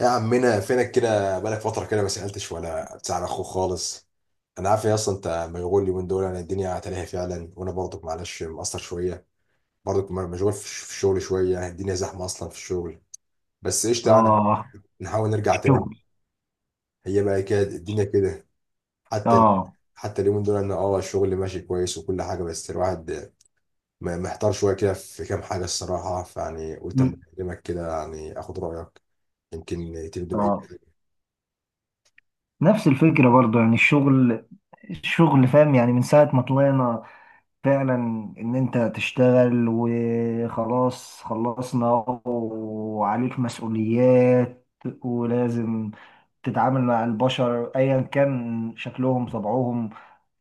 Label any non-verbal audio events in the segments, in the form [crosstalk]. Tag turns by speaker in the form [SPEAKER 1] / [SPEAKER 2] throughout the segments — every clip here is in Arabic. [SPEAKER 1] يا عمنا فينك كده، بقالك فترة كده ما سألتش ولا بتسأل أخوك خالص. أنا عارف يا أصلا أنت مشغول اليومين دول، يعني الدنيا تلاهي فعلا، وأنا برضك معلش مقصر شوية. برضك مشغول في في الشغل شوية، يعني الدنيا زحمة أصلا في الشغل. بس إيش، تعالى
[SPEAKER 2] اه.
[SPEAKER 1] نحاول نرجع تاني.
[SPEAKER 2] الشغل.
[SPEAKER 1] هي بقى كده الدنيا كده. حتى ال-
[SPEAKER 2] اه.
[SPEAKER 1] حتى اليومين دول أنا أه الشغل ماشي كويس وكل حاجة، بس الواحد محتار شوية كده في كام حاجة الصراحة. فيعني قلت أما
[SPEAKER 2] مم.
[SPEAKER 1] أكلمك كده يعني آخد رأيك، يمكن تبدو بأي.
[SPEAKER 2] اه. نفس الفكرة برضو، يعني الشغل فاهم؟ يعني من ساعة ما طلعنا فعلا ان انت تشتغل وخلاص، خلصنا. وعليك مسؤوليات، ولازم تتعامل مع البشر ايا كان شكلهم طبعهم،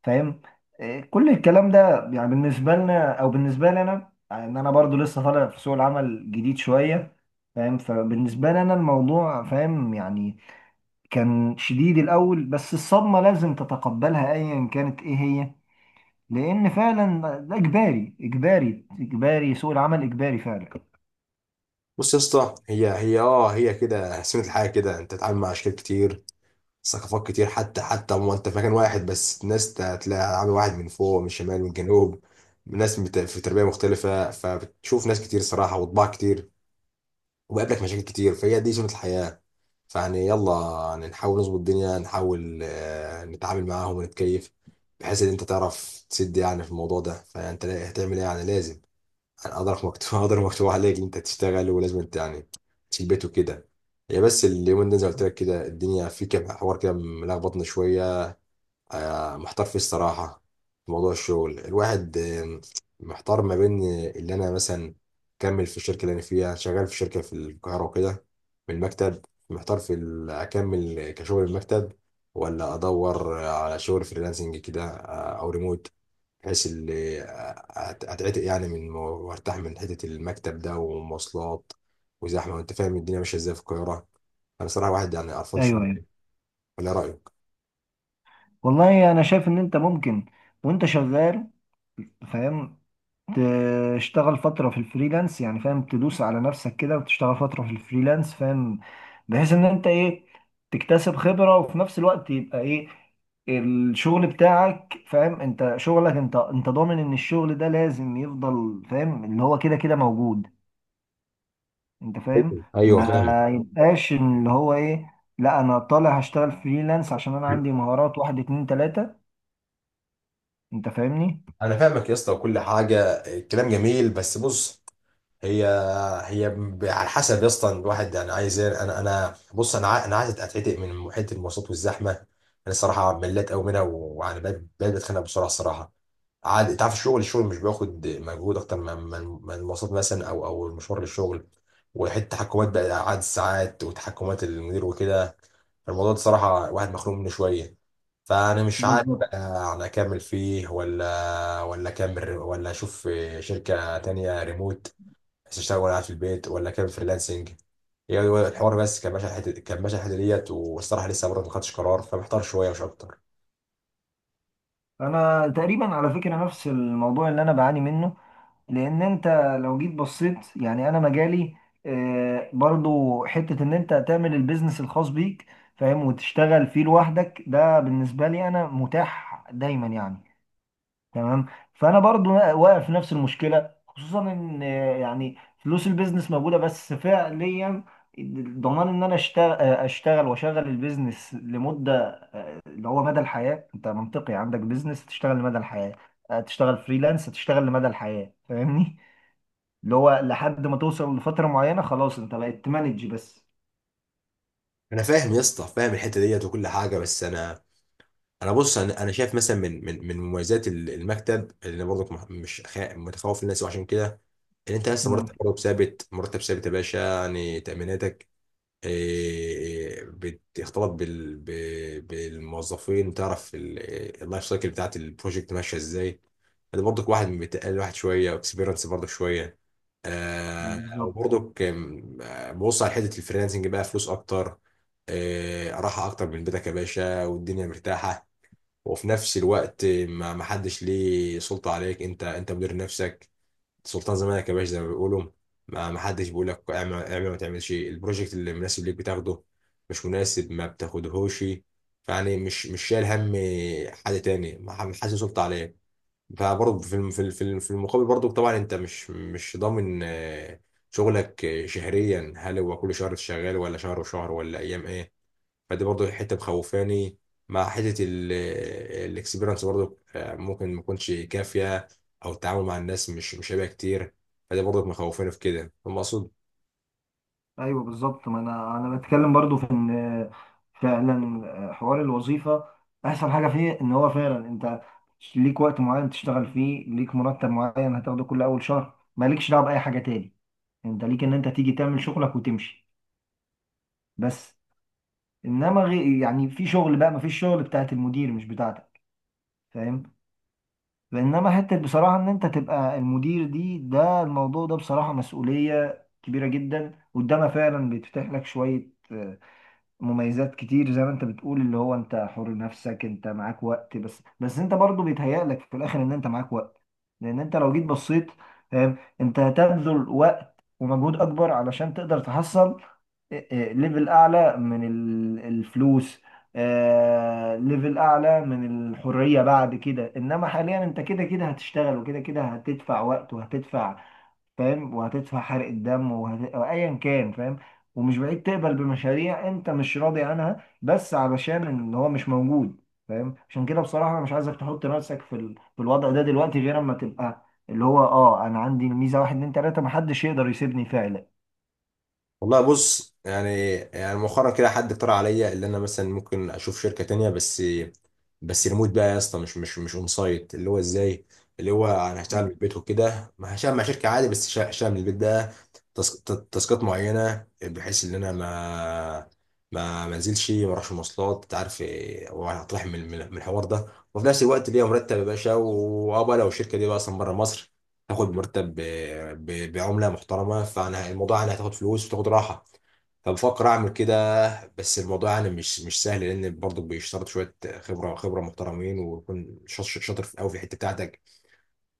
[SPEAKER 2] فاهم؟ إيه، كل الكلام ده، يعني بالنسبه لنا او بالنسبه لي انا، ان انا برضو لسه طالع في سوق العمل جديد شويه، فاهم؟ فبالنسبه لي انا الموضوع فاهم، يعني كان شديد الاول، بس الصدمه لازم تتقبلها ايا كانت ايه هي، لان فعلا ده اجباري اجباري اجباري، سوق العمل اجباري فعلا.
[SPEAKER 1] بص يا اسطى، هي كده سنة الحياة، كده انت تتعامل مع اشكال كتير، ثقافات كتير. حتى ما انت في مكان واحد، بس الناس تلاقي عامل واحد من فوق، من الشمال، من الجنوب. ناس في تربية مختلفة، فبتشوف ناس كتير صراحة وطباع كتير، وبقابلك مشاكل كتير، فهي دي سنة الحياة. فيعني يلا، يعني نحاول نظبط الدنيا، نحاول نتعامل معاهم ونتكيف، بحيث ان انت تعرف تسد يعني في الموضوع ده. فانت هتعمل ايه يعني؟ لازم، قدرك مكتوب [laughs] قدرك مكتوب عليك ان انت تشتغل، ولازم انت يعني تشيل بيت وكده. هي بس اليومين ده زي ما قلت لك كده، الدنيا في كده حوار كده ملخبطنا شويه. محتار فيه الصراحه، في موضوع الشغل. الواحد محتار ما بين اللي انا مثلا اكمل في الشركه اللي انا فيها شغال، في شركه في القاهره وكده، من المكتب، محتار في اكمل كشغل المكتب، ولا ادور على شغل فريلانسنج كده او ريموت، بحيث اللي اتعتق يعني من وارتاح من حته المكتب ده ومواصلات وزحمه، وانت فاهم الدنيا ماشيه ازاي في القاهره. انا صراحه واحد يعني قرفان
[SPEAKER 2] ايوه، ايوه.
[SPEAKER 1] شويه. ولا رايك؟
[SPEAKER 2] والله انا شايف ان انت ممكن، وانت شغال، فاهم؟ تشتغل فترة في الفريلانس، يعني فاهم؟ تدوس على نفسك كده وتشتغل فترة في الفريلانس، فاهم؟ بحيث ان انت ايه، تكتسب خبرة، وفي نفس الوقت يبقى ايه، الشغل بتاعك، فاهم؟ انت شغلك، انت انت ضامن ان الشغل ده لازم يفضل، فاهم؟ اللي هو كده كده موجود، انت فاهم؟
[SPEAKER 1] ايوه
[SPEAKER 2] ما
[SPEAKER 1] فاهم.
[SPEAKER 2] يبقاش إن اللي هو ايه، لا انا طالع هشتغل فريلانس عشان انا عندي مهارات واحد اتنين تلاتة، انت فاهمني؟
[SPEAKER 1] انا فاهمك يا اسطى وكل حاجه، الكلام جميل، بس بص، هي هي على حسب يا اسطى الواحد يعني عايز ايه. انا انا بص، انا انا عايز اتعتق من محيط المواصلات والزحمه. انا الصراحه مليت قوي منها، ويعني بقيت بتخنق بسرعه الصراحه. عاد تعرف الشغل، الشغل مش بياخد مجهود اكتر من المواصلات مثلا، او المشوار للشغل، وحته تحكمات بقى عدد الساعات وتحكمات المدير وكده. الموضوع ده صراحه واحد مخنوق منه شويه. فانا مش عارف بقى،
[SPEAKER 2] بالظبط.
[SPEAKER 1] يعني اكمل فيه ولا اكمل، ولا اشوف شركه تانية ريموت، بس اشتغل وانا قاعد في البيت، ولا كان فريلانسنج. هي هو الحوار بس كان ماشي على الحته، كان ماشي على الحته ديت، والصراحه لسه برضه ما خدتش قرار، فمحتار شويه مش اكتر.
[SPEAKER 2] انا تقريبا على فكرة نفس الموضوع اللي انا بعاني منه، لان انت لو جيت بصيت، يعني انا مجالي برضو حتة ان انت تعمل البيزنس الخاص بيك، فاهم؟ وتشتغل فيه لوحدك، ده بالنسبة لي انا متاح دايما يعني. تمام. فانا برضو واقع في نفس المشكلة، خصوصا ان يعني فلوس البيزنس موجودة، بس فعليا ضمان ان انا اشتغل اشتغل واشغل البيزنس لمدة، اللي هو مدى الحياة، انت منطقي عندك بيزنس تشتغل لمدى الحياة، تشتغل فريلانس تشتغل لمدى الحياة، فاهمني؟ [laughs] اللي هو لحد ما توصل لفترة معينة خلاص، انت بقيت تمانج بس.
[SPEAKER 1] انا فاهم يا اسطى، فاهم الحته ديت وكل حاجه، بس انا، انا بص، انا شايف مثلا من مميزات المكتب، اللي انا برضك مح- مش خا- متخوف الناس وعشان كده، ان انت لسه
[SPEAKER 2] امم.
[SPEAKER 1] مرتب برضك ثابت، مرتب ثابت يا باشا، يعني تاميناتك، بتختلط بال... بالموظفين، وتعرف اللايف سايكل بتاعت البروجكت ماشيه ازاي. ده برضك واحد بيتقل واحد شويه، واكسبيرنس برضك شويه. او
[SPEAKER 2] بالظبط.
[SPEAKER 1] برضك آم، آه، ببص على حته الفريلانسنج بقى، فلوس اكتر، راحه اكتر من بيتك يا باشا، والدنيا مرتاحه، وفي نفس الوقت ما حدش ليه سلطه عليك، انت انت مدير نفسك، سلطان زمانك يا باشا زي ما بيقولوا. ما حدش بيقول لك اعمل، اعمل ما تعملش، البروجكت اللي مناسب ليك بتاخده، مش مناسب ما بتاخدهوش. فيعني مش شايل هم حد تاني، ما ح- حاسس سلطة عليه. فبرضه في المقابل برضه طبعا انت مش ضامن شغلك شهريا، هل هو كل شهر شغال، ولا شهر وشهر، ولا ايام ايه. فدي برضو حته مخوفاني. مع حته الاكسبيرنس برضو ممكن ما تكونش كافيه، او التعامل مع الناس مش هيبقى كتير. فدي برضو مخوفاني في كده، فاهم اقصد.
[SPEAKER 2] ايوه، بالظبط، ما انا بتكلم برضو في ان فعلا حوار الوظيفة، احسن حاجة فيه ان هو فعلا انت ليك وقت معين تشتغل فيه، ليك مرتب معين هتاخده كل اول شهر، مالكش دعوة بأي حاجة تاني، انت ليك ان انت تيجي تعمل شغلك وتمشي بس. انما يعني في شغل بقى، ما فيش شغل، بتاعت المدير مش بتاعتك، فاهم؟ انما حته بصراحه ان انت تبقى المدير دي، ده الموضوع ده بصراحه مسؤوليه كبيره جدا، قدامها فعلا بيتفتح لك شويه مميزات كتير، زي ما انت بتقول، اللي هو انت حر نفسك، انت معاك وقت، بس بس انت برضه بيتهيألك في الاخر ان انت معاك وقت، لان انت لو جيت بصيت، فاهم؟ انت هتبذل وقت ومجهود اكبر علشان تقدر تحصل اه، ليفل اعلى من الفلوس، اه، ليفل اعلى من الحرية بعد كده، انما حاليا انت كده كده هتشتغل، وكده كده هتدفع وقت، وهتدفع، فاهم؟ وهتدفع حرق الدم، أو ايا كان، فاهم؟ ومش بعيد تقبل بمشاريع انت مش راضي عنها، بس علشان ان هو مش موجود، فاهم؟ عشان كده بصراحة انا مش عايزك تحط نفسك في في الوضع ده دلوقتي، غير اما تبقى اللي هو انا عندي ميزة واحد اتنين تلاتة، محدش يقدر يسيبني فعلا.
[SPEAKER 1] والله بص، يعني مؤخرا كده حد اقترح عليا، اللي انا مثلا ممكن اشوف شركه تانية، بس بس ريموت بقى يا اسطى، مش اون سايت. اللي هو ازاي؟ اللي هو انا هشتغل من البيت وكده، ما هشتغل مع شركه عادي، بس هشتغل من البيت ده، تاسكات معينه، بحيث ان انا ما ما انزلش، ما اروحش مواصلات، انت عارف وهطرح من الحوار ده، وفي نفس الوقت ليا مرتب يا باشا. وابقى لو الشركه دي بقى اصلا بره مصر، تاخد مرتب بعملة محترمة، فانا الموضوع يعني هتاخد فلوس وتاخد راحة. فبفكر اعمل كده، بس الموضوع يعني مش سهل، لان برضه بيشترط شويه خبره محترمين، ويكون شاطر في قوي في الحته بتاعتك.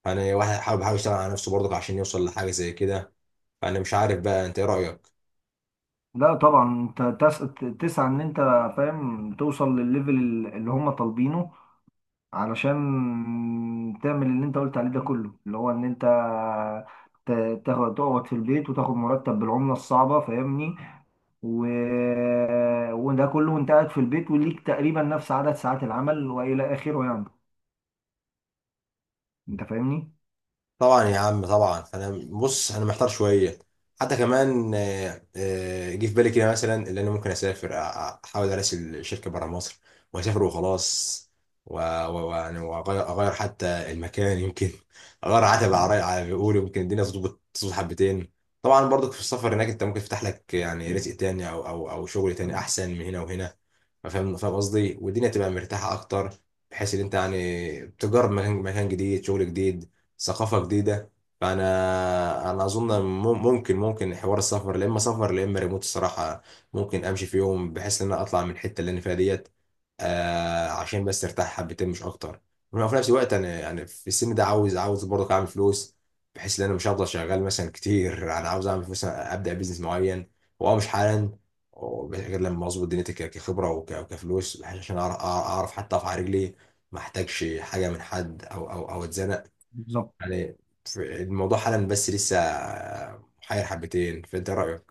[SPEAKER 1] فانا واحد حابب يشتغل على نفسه برضه عشان يوصل لحاجه زي كده. فانا مش عارف بقى، انت ايه رايك؟
[SPEAKER 2] لا طبعا انت تسعى ان انت فاهم توصل للليفل اللي هم طالبينه، علشان تعمل اللي انت قلت عليه ده كله، اللي هو ان انت تاخد تقعد في البيت وتاخد مرتب بالعملة الصعبة، فاهمني؟ و... وده كله وانت قاعد في البيت، وليك تقريبا نفس عدد ساعات العمل والى اخره، يعني انت فاهمني؟
[SPEAKER 1] طبعا يا عم، طبعا انا بص انا محتار شويه. حتى كمان جه في بالي كده مثلا، اللي انا ممكن اسافر، احاول اراسل شركه بره مصر واسافر وخلاص، و- ويعني اغير حتى المكان، يمكن [laughs] اغير عتب على على بيقولوا، يمكن الدنيا تظبط حبتين. طبعا برضك في السفر هناك انت ممكن تفتح لك يعني رزق تاني، او شغل تاني احسن من هنا وهنا، فاهم، فاهم قصدي، والدنيا تبقى مرتاحه اكتر، بحيث ان انت يعني تجرب مكان جديد، شغل جديد، ثقافة جديدة. فأنا أظن ممكن حوار السفر، لا إما سفر لا إما ريموت الصراحة. ممكن أمشي في يوم، بحيث إن أنا أطلع من الحتة اللي أنا فيها ديت، آه، عشان بس أرتاح حبتين مش أكتر. وفي نفس الوقت أنا يعني في السن ده، عاوز برضه أعمل فلوس، بحيث إن أنا مش هفضل شغال مثلا كتير. أنا عاوز أعمل فلوس، أبدأ بيزنس معين، وأه مش حالا، غير لما أظبط دنيتي كخبرة وكفلوس، بحيث عشان أعرف حتى أقف على رجلي، ما احتاجش حاجة من حد أو أتزنق،
[SPEAKER 2] بالظبط.
[SPEAKER 1] يعني. الموضوع حالا بس لسه محير حبتين، فانت رايك؟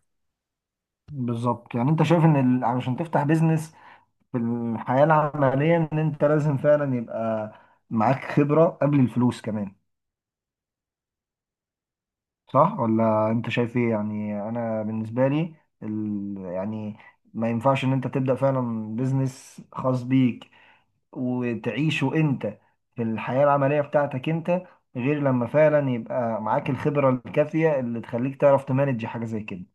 [SPEAKER 2] بالظبط، يعني انت شايف ان علشان تفتح بيزنس في الحياة العملية، ان انت لازم فعلا يبقى معاك خبرة قبل الفلوس كمان، صح؟ ولا انت شايف ايه؟ يعني انا بالنسبه لي يعني ما ينفعش ان انت تبدا فعلا بيزنس خاص بيك، وتعيشه انت في الحياه العمليه بتاعتك انت، غير لما فعلا يبقى معاك الخبره الكافيه اللي تخليك تعرف تمانج حاجه زي كده.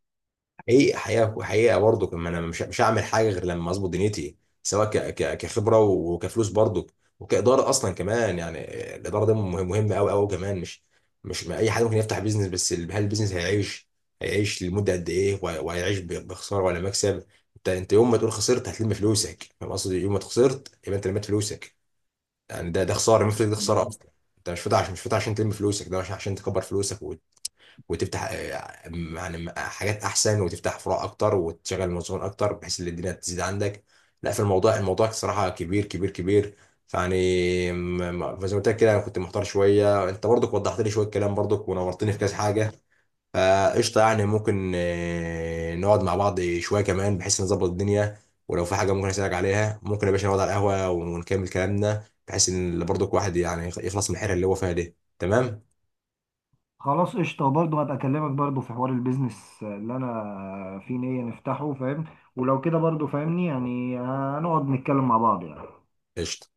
[SPEAKER 1] حقيقه برضو كمان، انا مش هعمل حاجه غير لما اظبط دنيتي، سواء كخبره وكفلوس برضو، وكاداره اصلا كمان يعني. الاداره ده مهم، مهمه قوي قوي كمان. مش مش ما اي حد ممكن يفتح بيزنس، بس هل البيزنس هيعيش، هيعيش لمده قد ايه، وهيعيش بخساره ولا مكسب. انت انت يوم ما تقول خسرت، هتلم فلوسك، فاهم قصدي، يوم ما خسرت يبقى انت لميت فلوسك، يعني ده خساره، المفتك ده خساره
[SPEAKER 2] بالظبط.
[SPEAKER 1] اصلا. انت مش فاتح عشان، مش فاتح عشان تلم فلوسك ده عشان، عشان تكبر فلوسك وتفتح يعني حاجات احسن، وتفتح فروع اكتر، وتشغل موظفين اكتر، بحيث ان الدنيا تزيد عندك. لا، في الموضوع، الموضوع صراحه كبير. فيعني فزي ما قلت لك كده، انا كنت محتار شويه، انت برضك وضحت لي شويه كلام برضك، ونورتني في كذا حاجه. فقشطة، يعني ممكن نقعد مع بعض شوية كمان، بحيث نظبط الدنيا، ولو في حاجة ممكن أسألك عليها، ممكن يا باشا نقعد على القهوة ونكمل كلامنا، بحيث إن برضو كل واحد يعني يخلص من الحيرة اللي هو فيها دي، تمام؟
[SPEAKER 2] خلاص قشطه، وبرضه هبقى اكلمك برضه في حوار البيزنس اللي انا في نيه نفتحه، فاهم؟ ولو كده برضه فاهمني، يعني هنقعد نتكلم مع بعض يعني
[SPEAKER 1] قشطة.